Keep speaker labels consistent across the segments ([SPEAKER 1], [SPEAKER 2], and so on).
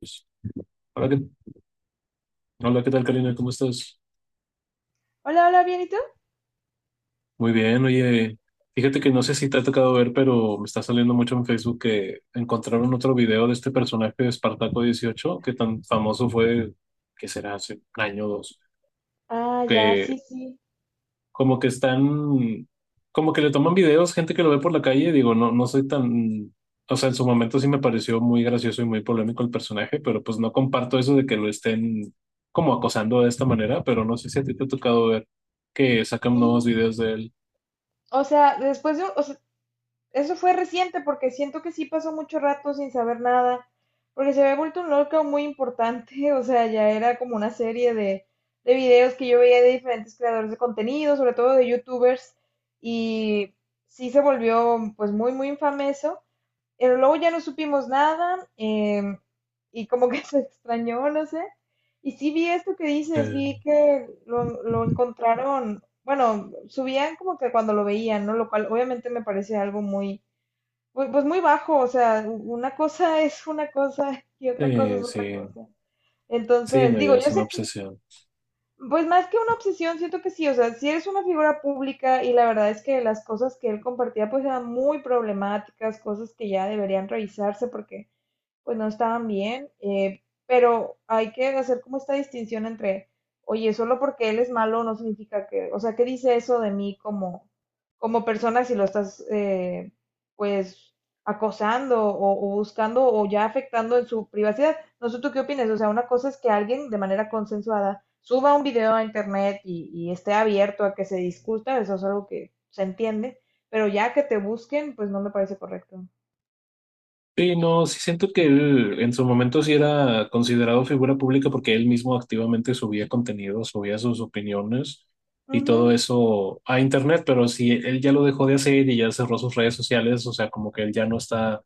[SPEAKER 1] Pues, Hola, ¿qué, hola, ¿qué tal, Karina? ¿Cómo estás?
[SPEAKER 2] Hola, hola, ¿bien y tú?
[SPEAKER 1] Muy bien, oye, fíjate que no sé si te ha tocado ver, pero me está saliendo mucho en Facebook que encontraron otro video de este personaje de Espartaco 18 que tan famoso fue, que será hace un año o dos,
[SPEAKER 2] Ah, ya,
[SPEAKER 1] que
[SPEAKER 2] sí, sí,
[SPEAKER 1] como que están, como que le toman videos, gente que lo ve por la calle, digo, no, no soy tan, o sea, en su momento sí me pareció muy gracioso y muy polémico el personaje, pero pues no comparto eso de que lo estén como acosando de esta manera, pero no sé si a ti te ha tocado ver que sacan nuevos
[SPEAKER 2] sí.
[SPEAKER 1] videos de él.
[SPEAKER 2] O sea, después de, eso fue reciente porque siento que sí pasó mucho rato sin saber nada, porque se había vuelto un lockout muy importante, o sea, ya era como una serie de videos que yo veía de diferentes creadores de contenido, sobre todo de youtubers, y sí se volvió pues muy infame eso, pero luego ya no supimos nada, y como que se extrañó, no sé, y sí vi esto que dices, vi
[SPEAKER 1] Sí.
[SPEAKER 2] que lo encontraron, bueno, subían como que cuando lo veían, ¿no? Lo cual obviamente me parece algo muy pues, pues muy bajo, o sea, una cosa es una cosa y otra cosa es otra
[SPEAKER 1] Sí,
[SPEAKER 2] cosa.
[SPEAKER 1] sí,
[SPEAKER 2] Entonces,
[SPEAKER 1] no,
[SPEAKER 2] digo,
[SPEAKER 1] ya es
[SPEAKER 2] yo
[SPEAKER 1] una
[SPEAKER 2] sé que,
[SPEAKER 1] obsesión.
[SPEAKER 2] pues más que una obsesión, siento que sí, o sea, si eres una figura pública y la verdad es que las cosas que él compartía pues eran muy problemáticas, cosas que ya deberían revisarse porque pues no estaban bien, pero hay que hacer como esta distinción entre, oye, solo porque él es malo no significa que, o sea, ¿qué dice eso de mí como, como persona si lo estás, pues, acosando o buscando o ya afectando en su privacidad? No sé tú qué opinas, o sea, una cosa es que alguien de manera consensuada suba un video a internet y esté abierto a que se discuta, eso es algo que se entiende, pero ya que te busquen, pues no me parece correcto.
[SPEAKER 1] Sí, no, sí siento que él en su momento sí era considerado figura pública porque él mismo activamente subía contenido, subía sus opiniones y todo
[SPEAKER 2] Ujú.
[SPEAKER 1] eso a internet, pero si él ya lo dejó de hacer y ya cerró sus redes sociales, o sea, como que él ya no está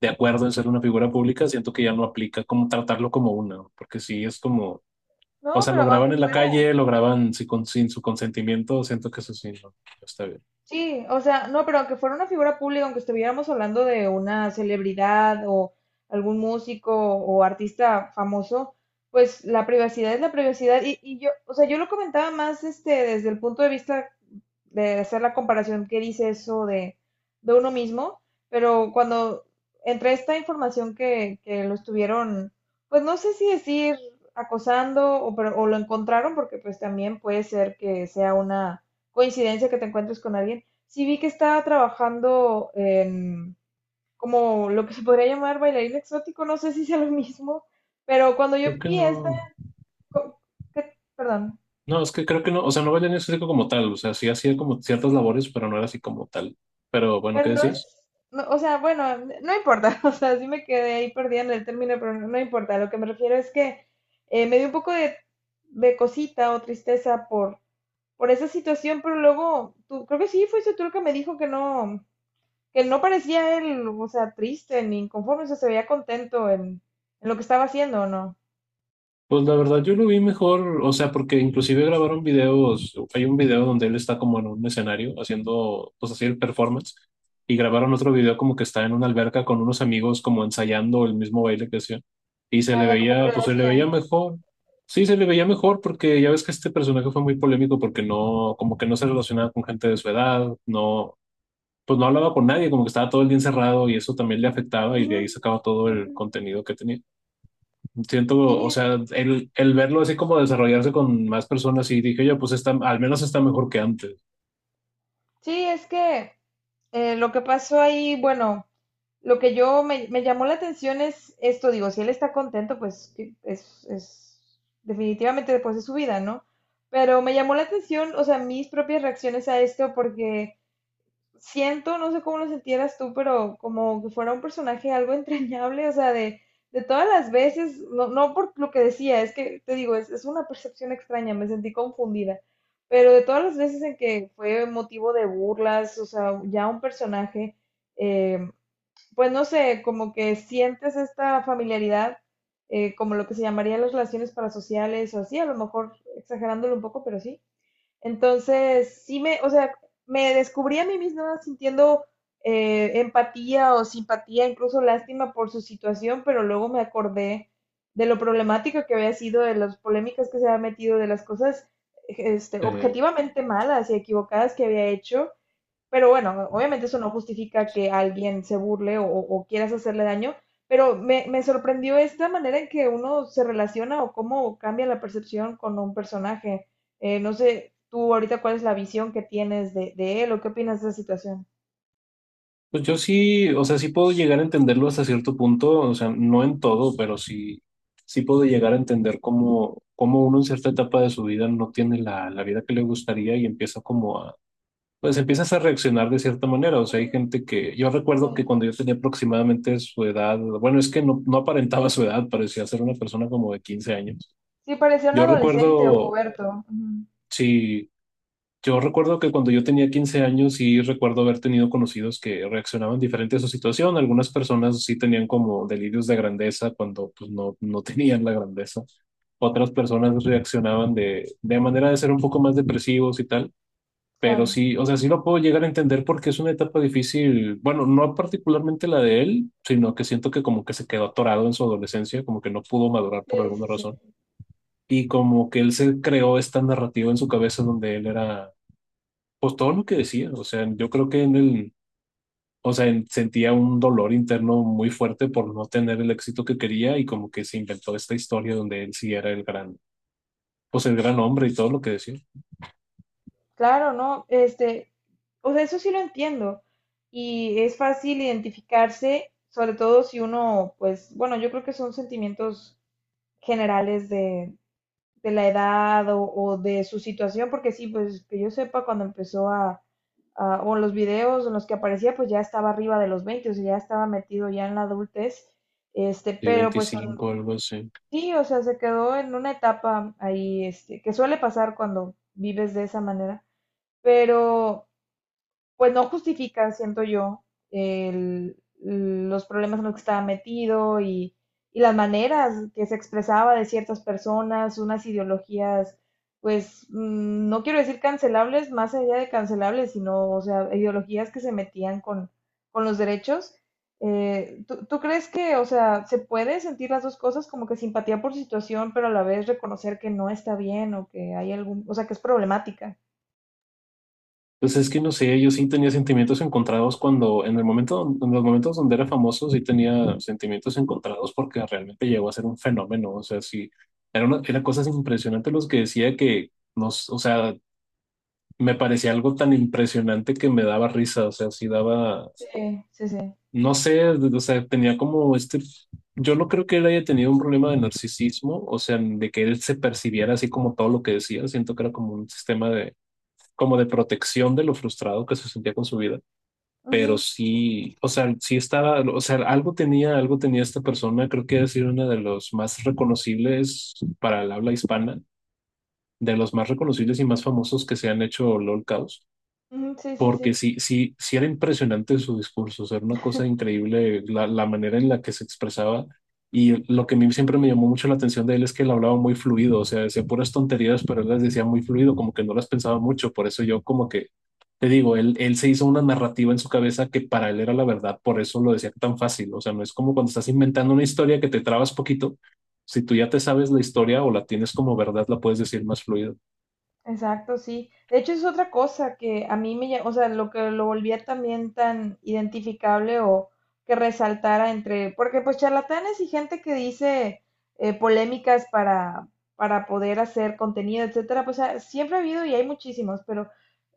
[SPEAKER 1] de acuerdo en ser una figura pública, siento que ya no aplica como tratarlo como una, porque sí es como, o
[SPEAKER 2] No,
[SPEAKER 1] sea,
[SPEAKER 2] pero
[SPEAKER 1] lo
[SPEAKER 2] aunque
[SPEAKER 1] graban en la
[SPEAKER 2] fuera...
[SPEAKER 1] calle, lo graban sin, con- sin su consentimiento, siento que eso sí no está bien.
[SPEAKER 2] Sí, o sea, no, pero aunque fuera una figura pública, aunque estuviéramos hablando de una celebridad o algún músico o artista famoso, pues la privacidad es la privacidad. Y yo, o sea, yo lo comentaba más este, desde el punto de vista de hacer la comparación que dice eso de uno mismo, pero cuando entre esta información que lo estuvieron, pues no sé si decir acosando o lo encontraron, porque pues también puede ser que sea una coincidencia que te encuentres con alguien. Sí vi que estaba trabajando en como lo que se podría llamar bailarín exótico, no sé si sea lo mismo, pero cuando yo
[SPEAKER 1] Creo que
[SPEAKER 2] vi esta,
[SPEAKER 1] no.
[SPEAKER 2] co- perdón.
[SPEAKER 1] No, es que creo que no, o sea, no bailé en específico como tal, o sea, sí hacía como ciertas labores, pero no era así como tal. Pero bueno,
[SPEAKER 2] Pero
[SPEAKER 1] ¿qué
[SPEAKER 2] no
[SPEAKER 1] decías?
[SPEAKER 2] es, no, o sea, bueno, no importa, o sea, sí me quedé ahí perdida en el término, pero no importa. Lo que me refiero es que me dio un poco de cosita o tristeza por esa situación, pero luego, tú, creo que sí, fuiste tú el que me dijo que no parecía él, o sea, triste ni inconforme, o sea, se veía contento en lo que estaba haciendo, ¿o no?
[SPEAKER 1] Pues la verdad yo lo vi mejor, o sea, porque inclusive grabaron videos, hay un video donde él está como en un escenario haciendo, pues así el performance, y grabaron otro video como que está en una alberca con unos amigos como ensayando el mismo baile que hacía, y se
[SPEAKER 2] Ah,
[SPEAKER 1] le
[SPEAKER 2] ya como
[SPEAKER 1] veía, pues se le
[SPEAKER 2] coreografía
[SPEAKER 1] veía
[SPEAKER 2] lo...
[SPEAKER 1] mejor, sí, se le veía mejor porque ya ves que este personaje fue muy polémico porque no, como que no se relacionaba con gente de su edad, no pues no hablaba con nadie, como que estaba todo el día encerrado y eso también le afectaba y
[SPEAKER 2] Ujú,
[SPEAKER 1] de ahí sacaba todo el
[SPEAKER 2] ujú.
[SPEAKER 1] contenido que tenía. Siento,
[SPEAKER 2] Sí,
[SPEAKER 1] o sea, el verlo así como desarrollarse con más personas y dije, oye, pues está, al menos está mejor que antes.
[SPEAKER 2] sí, es que lo que pasó ahí, bueno, lo que yo me llamó la atención es esto, digo, si él está contento, pues que es definitivamente después de su vida, ¿no? Pero me llamó la atención, o sea, mis propias reacciones a esto porque siento, no sé cómo lo sentieras tú, pero como que fuera un personaje algo entrañable, o sea, de todas las veces, no por lo que decía, es que te digo, es una percepción extraña, me sentí confundida, pero de todas las veces en que fue motivo de burlas, o sea, ya un personaje, eh, pues no sé, como que sientes esta familiaridad, como lo que se llamaría las relaciones parasociales o así, a lo mejor exagerándolo un poco, pero sí. Entonces, sí me, o sea, me descubrí a mí misma sintiendo empatía o simpatía, incluso lástima por su situación, pero luego me acordé de lo problemático que había sido, de las polémicas que se había metido, de las cosas este,
[SPEAKER 1] Eh,
[SPEAKER 2] objetivamente malas y equivocadas que había hecho. Pero bueno, obviamente eso no justifica que alguien se burle o quieras hacerle daño, pero me sorprendió esta manera en que uno se relaciona o cómo cambia la percepción con un personaje. No sé, tú ahorita cuál es la visión que tienes de él o qué opinas de esa situación.
[SPEAKER 1] pues yo sí, o sea, sí puedo llegar a entenderlo hasta cierto punto, o sea, no en todo, pero sí, sí puedo llegar a entender cómo, cómo uno en cierta etapa de su vida no tiene la, la vida que le gustaría y empieza como a pues empiezas a reaccionar de cierta manera. O sea, hay
[SPEAKER 2] Ujú,
[SPEAKER 1] gente que yo recuerdo que
[SPEAKER 2] sí,
[SPEAKER 1] cuando yo tenía aproximadamente su edad, bueno, es que no, no aparentaba su edad, parecía ser una persona como de 15 años.
[SPEAKER 2] sí, parecía un
[SPEAKER 1] Yo
[SPEAKER 2] adolescente o
[SPEAKER 1] recuerdo,
[SPEAKER 2] puberto. Ujú,
[SPEAKER 1] sí, yo recuerdo que cuando yo tenía 15 años sí recuerdo haber tenido conocidos que reaccionaban diferente a su situación. Algunas personas sí tenían como delirios de grandeza cuando pues no, no tenían la grandeza. Otras personas reaccionaban de manera de ser un poco más depresivos y tal. Pero
[SPEAKER 2] claro,
[SPEAKER 1] sí, o sea, sí lo puedo llegar a entender porque es una etapa difícil, bueno, no particularmente la de él, sino que siento que como que se quedó atorado en su adolescencia, como que no pudo madurar por
[SPEAKER 2] sí, sí,
[SPEAKER 1] alguna razón.
[SPEAKER 2] sí.
[SPEAKER 1] Y como que él se creó esta narrativa en su cabeza donde él era, pues todo lo que decía, o sea, yo creo que en el, o sea, en- sentía un dolor interno muy fuerte por no tener el éxito que quería y como que se inventó esta historia donde él sí era el gran, pues el gran hombre y todo lo que decía.
[SPEAKER 2] Claro, ¿no? Este, o sea, eso sí lo entiendo. Y es fácil identificarse, sobre todo si uno, pues, bueno, yo creo que son sentimientos generales de la edad o de su situación, porque sí, pues que yo sepa, cuando empezó a, o en los videos en los que aparecía, pues ya estaba arriba de los 20 o sea, ya estaba metido ya en la adultez, este,
[SPEAKER 1] Y
[SPEAKER 2] pero pues son,
[SPEAKER 1] 25 algo así.
[SPEAKER 2] sí, o sea, se quedó en una etapa ahí, este, que suele pasar cuando vives de esa manera, pero pues no justifica siento yo, el- los problemas en los que estaba metido y las maneras que se expresaba de ciertas personas, unas ideologías, pues no quiero decir cancelables, más allá de cancelables, sino, o sea, ideologías que se metían con los derechos. ¿ tú crees que, o sea, se puede sentir las dos cosas como que simpatía por su situación, pero a la vez reconocer que no está bien o que hay algún, o sea, ¿que es problemática?
[SPEAKER 1] Pues es que no sé, yo sí tenía sentimientos encontrados cuando, en el momento, en los momentos donde era famoso, sí tenía sentimientos encontrados porque realmente llegó a ser un fenómeno. O sea, sí, era una, era cosas impresionantes los que decía que nos, o sea, me parecía algo tan impresionante que me daba risa. O sea, sí daba,
[SPEAKER 2] Sí, sí, sí.
[SPEAKER 1] no sé, o sea, tenía como este, yo no creo que él haya tenido un problema de narcisismo, o sea, de que él se percibiera así como todo lo que decía. Siento que era como un sistema de, como de protección de lo frustrado que se sentía con su vida pero
[SPEAKER 2] Ujú.
[SPEAKER 1] sí, o sea, sí estaba, o sea, algo tenía esta persona, creo que es una de los más reconocibles para el habla hispana, de los más reconocibles y más famosos que se han hecho LOL Caos
[SPEAKER 2] Ujú, sí, sí,
[SPEAKER 1] porque
[SPEAKER 2] sí.
[SPEAKER 1] sí, sí, sí era impresionante su discurso, o sea, era una cosa increíble la, la manera en la que se expresaba. Y lo que a mí siempre me llamó mucho la atención de él es que él hablaba muy fluido, o sea, decía puras tonterías, pero él las decía muy fluido, como que no las pensaba mucho. Por eso yo como que, te digo, él se hizo una narrativa en su cabeza que para él era la verdad, por eso lo decía tan fácil. O sea, no es como cuando estás inventando una historia que te trabas poquito. Si tú ya te sabes la historia o la tienes como verdad, la puedes decir más fluido.
[SPEAKER 2] Exacto, sí. De hecho, es otra cosa que a mí me, o sea, lo que lo volvía también tan identificable o que resaltara entre, porque pues charlatanes y gente que dice polémicas para poder hacer contenido, etcétera, pues ah, siempre ha habido y hay muchísimos, pero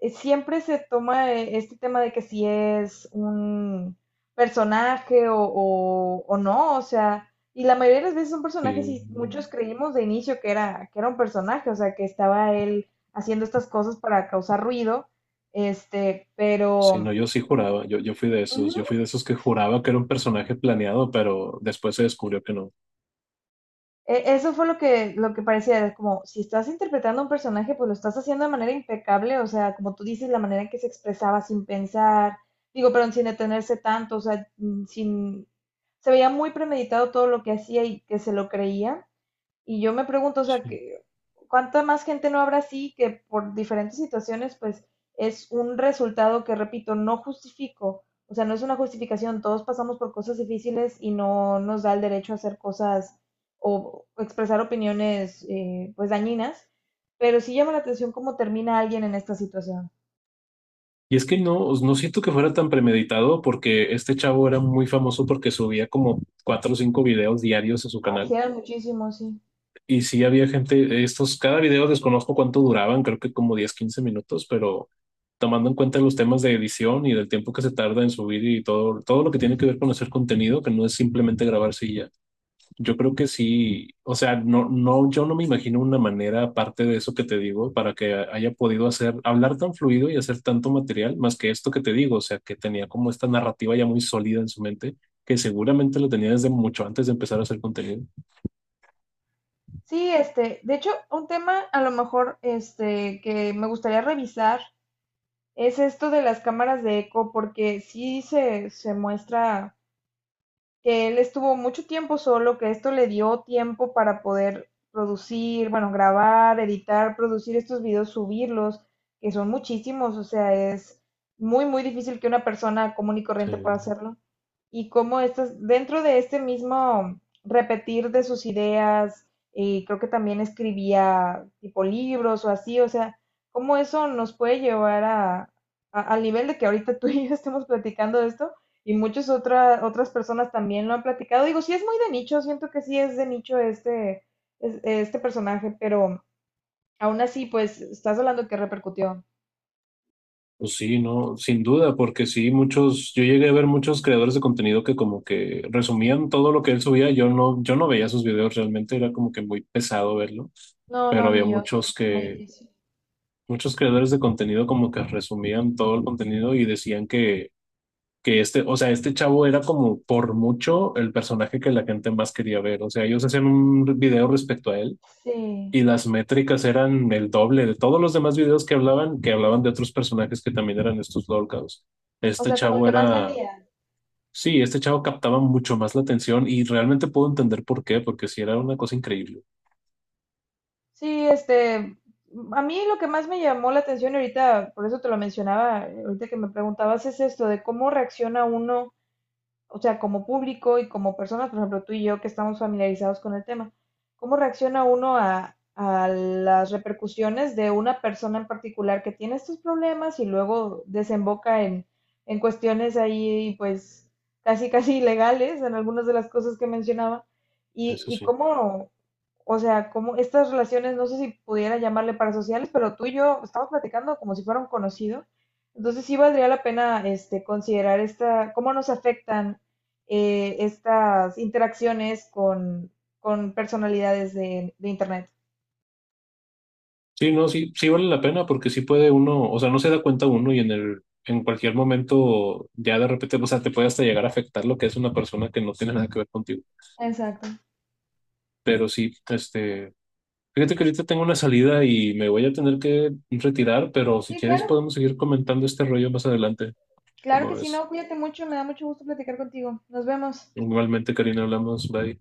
[SPEAKER 2] siempre se toma este tema de que si es un personaje o no, o sea, y la mayoría de las veces son personajes
[SPEAKER 1] Sí.
[SPEAKER 2] y muchos creímos de inicio que era un personaje, o sea, que estaba él haciendo estas cosas para causar ruido, este,
[SPEAKER 1] Sí,
[SPEAKER 2] pero
[SPEAKER 1] no, yo sí juraba, yo fui de esos,
[SPEAKER 2] ujú,
[SPEAKER 1] yo fui de esos que juraba que era un personaje planeado, pero después se descubrió que no.
[SPEAKER 2] eso fue lo que parecía, era como si estás interpretando a un personaje, pues lo estás haciendo de manera impecable, o sea, como tú dices, la manera en que se expresaba sin pensar, digo, pero sin detenerse tanto, o sea, sin, se veía muy premeditado todo lo que hacía y que se lo creía. Y yo me pregunto, o sea,
[SPEAKER 1] Sí.
[SPEAKER 2] que, ¿cuánta más gente no habrá así que por diferentes situaciones, pues es un resultado que, repito, no justifico? O sea, no es una justificación, todos pasamos por cosas difíciles y no nos da el derecho a hacer cosas o expresar opiniones pues dañinas, pero sí llama la atención cómo termina alguien en esta situación.
[SPEAKER 1] Y es que no, no siento que fuera tan premeditado porque este chavo era muy famoso porque subía como cuatro o cinco videos diarios a su
[SPEAKER 2] Ay, sí,
[SPEAKER 1] canal.
[SPEAKER 2] eran sí. Muchísimos, sí.
[SPEAKER 1] Y sí había gente, estos, cada video desconozco cuánto duraban, creo que como 10, 15 minutos, pero tomando en cuenta los temas de edición y del tiempo que se tarda en subir y todo, todo lo que tiene que ver con hacer contenido, que no es simplemente grabarse. Yo creo que sí, o sea, no, no, yo no me imagino una manera, aparte de eso que te digo, para que haya podido hacer, hablar tan fluido y hacer tanto material, más que esto que te digo, o sea, que tenía como esta narrativa ya muy sólida en su mente, que seguramente lo tenía desde mucho antes de empezar a hacer contenido.
[SPEAKER 2] Sí, este, de hecho, un tema a lo mejor este que me gustaría revisar es esto de las cámaras de eco, porque sí se muestra que él estuvo mucho tiempo solo, que esto le dio tiempo para poder producir, bueno, grabar, editar, producir estos videos, subirlos, que son muchísimos, o sea, es muy difícil que una persona común y corriente pueda
[SPEAKER 1] Sí.
[SPEAKER 2] hacerlo. Y cómo estas, dentro de este mismo repetir de sus ideas, y creo que también escribía tipo libros o así, o sea, cómo eso nos puede llevar a, al nivel de que ahorita tú y yo estemos platicando de esto, y muchas otras personas también lo han platicado. Digo, sí es muy de nicho, siento que sí es de nicho este, este personaje, pero aún así, pues, estás hablando que repercutió.
[SPEAKER 1] Pues sí, no, sin duda, porque sí, muchos, yo llegué a ver muchos creadores de contenido que como que resumían todo lo que él subía, yo no, yo no veía sus videos realmente, era como que muy pesado verlo,
[SPEAKER 2] No,
[SPEAKER 1] pero
[SPEAKER 2] no,
[SPEAKER 1] había
[SPEAKER 2] ni yo, sí,
[SPEAKER 1] muchos
[SPEAKER 2] es muy
[SPEAKER 1] que
[SPEAKER 2] difícil.
[SPEAKER 1] muchos creadores de contenido como que resumían todo el contenido y decían que este, o sea, este chavo era como por mucho el personaje que la gente más quería ver. O sea, ellos hacían un video respecto a él
[SPEAKER 2] Sí,
[SPEAKER 1] y las métricas eran el doble de todos los demás videos que hablaban de otros personajes que también eran estos lolcados.
[SPEAKER 2] o
[SPEAKER 1] Este
[SPEAKER 2] sea, como el
[SPEAKER 1] chavo
[SPEAKER 2] que más
[SPEAKER 1] era,
[SPEAKER 2] vendía.
[SPEAKER 1] sí, este chavo captaba mucho más la atención y realmente puedo entender por qué, porque sí era una cosa increíble.
[SPEAKER 2] Sí, este, a mí lo que más me llamó la atención y ahorita, por eso te lo mencionaba, ahorita que me preguntabas, es esto de cómo reacciona uno o sea, como público y como personas, por ejemplo, tú y yo que estamos familiarizados con el tema, ¿cómo reacciona uno a las repercusiones de una persona en particular que tiene estos problemas y luego desemboca en cuestiones ahí, pues, casi, casi ilegales en algunas de las cosas que mencionaba? Y,
[SPEAKER 1] Eso
[SPEAKER 2] y
[SPEAKER 1] sí.
[SPEAKER 2] cómo, o sea, cómo estas relaciones, no sé si pudiera llamarle parasociales, pero tú y yo estamos platicando como si fuera un conocido. Entonces sí valdría la pena este, considerar esta, cómo nos afectan estas interacciones con personalidades de Internet.
[SPEAKER 1] Sí, no, sí, sí vale la pena porque sí puede uno, o sea, no se da cuenta uno y en el, en cualquier momento ya de repente, o sea, te puede hasta llegar a afectar lo que es una persona que no tiene nada que ver contigo.
[SPEAKER 2] Exacto.
[SPEAKER 1] Pero sí, este, fíjate que ahorita tengo una salida y me voy a tener que retirar, pero si
[SPEAKER 2] Sí,
[SPEAKER 1] quieres
[SPEAKER 2] claro.
[SPEAKER 1] podemos seguir comentando este rollo más adelante,
[SPEAKER 2] Claro que
[SPEAKER 1] como
[SPEAKER 2] sí,
[SPEAKER 1] es.
[SPEAKER 2] no, cuídate mucho, me da mucho gusto platicar contigo. Nos vemos.
[SPEAKER 1] Igualmente, Karina, hablamos, bye.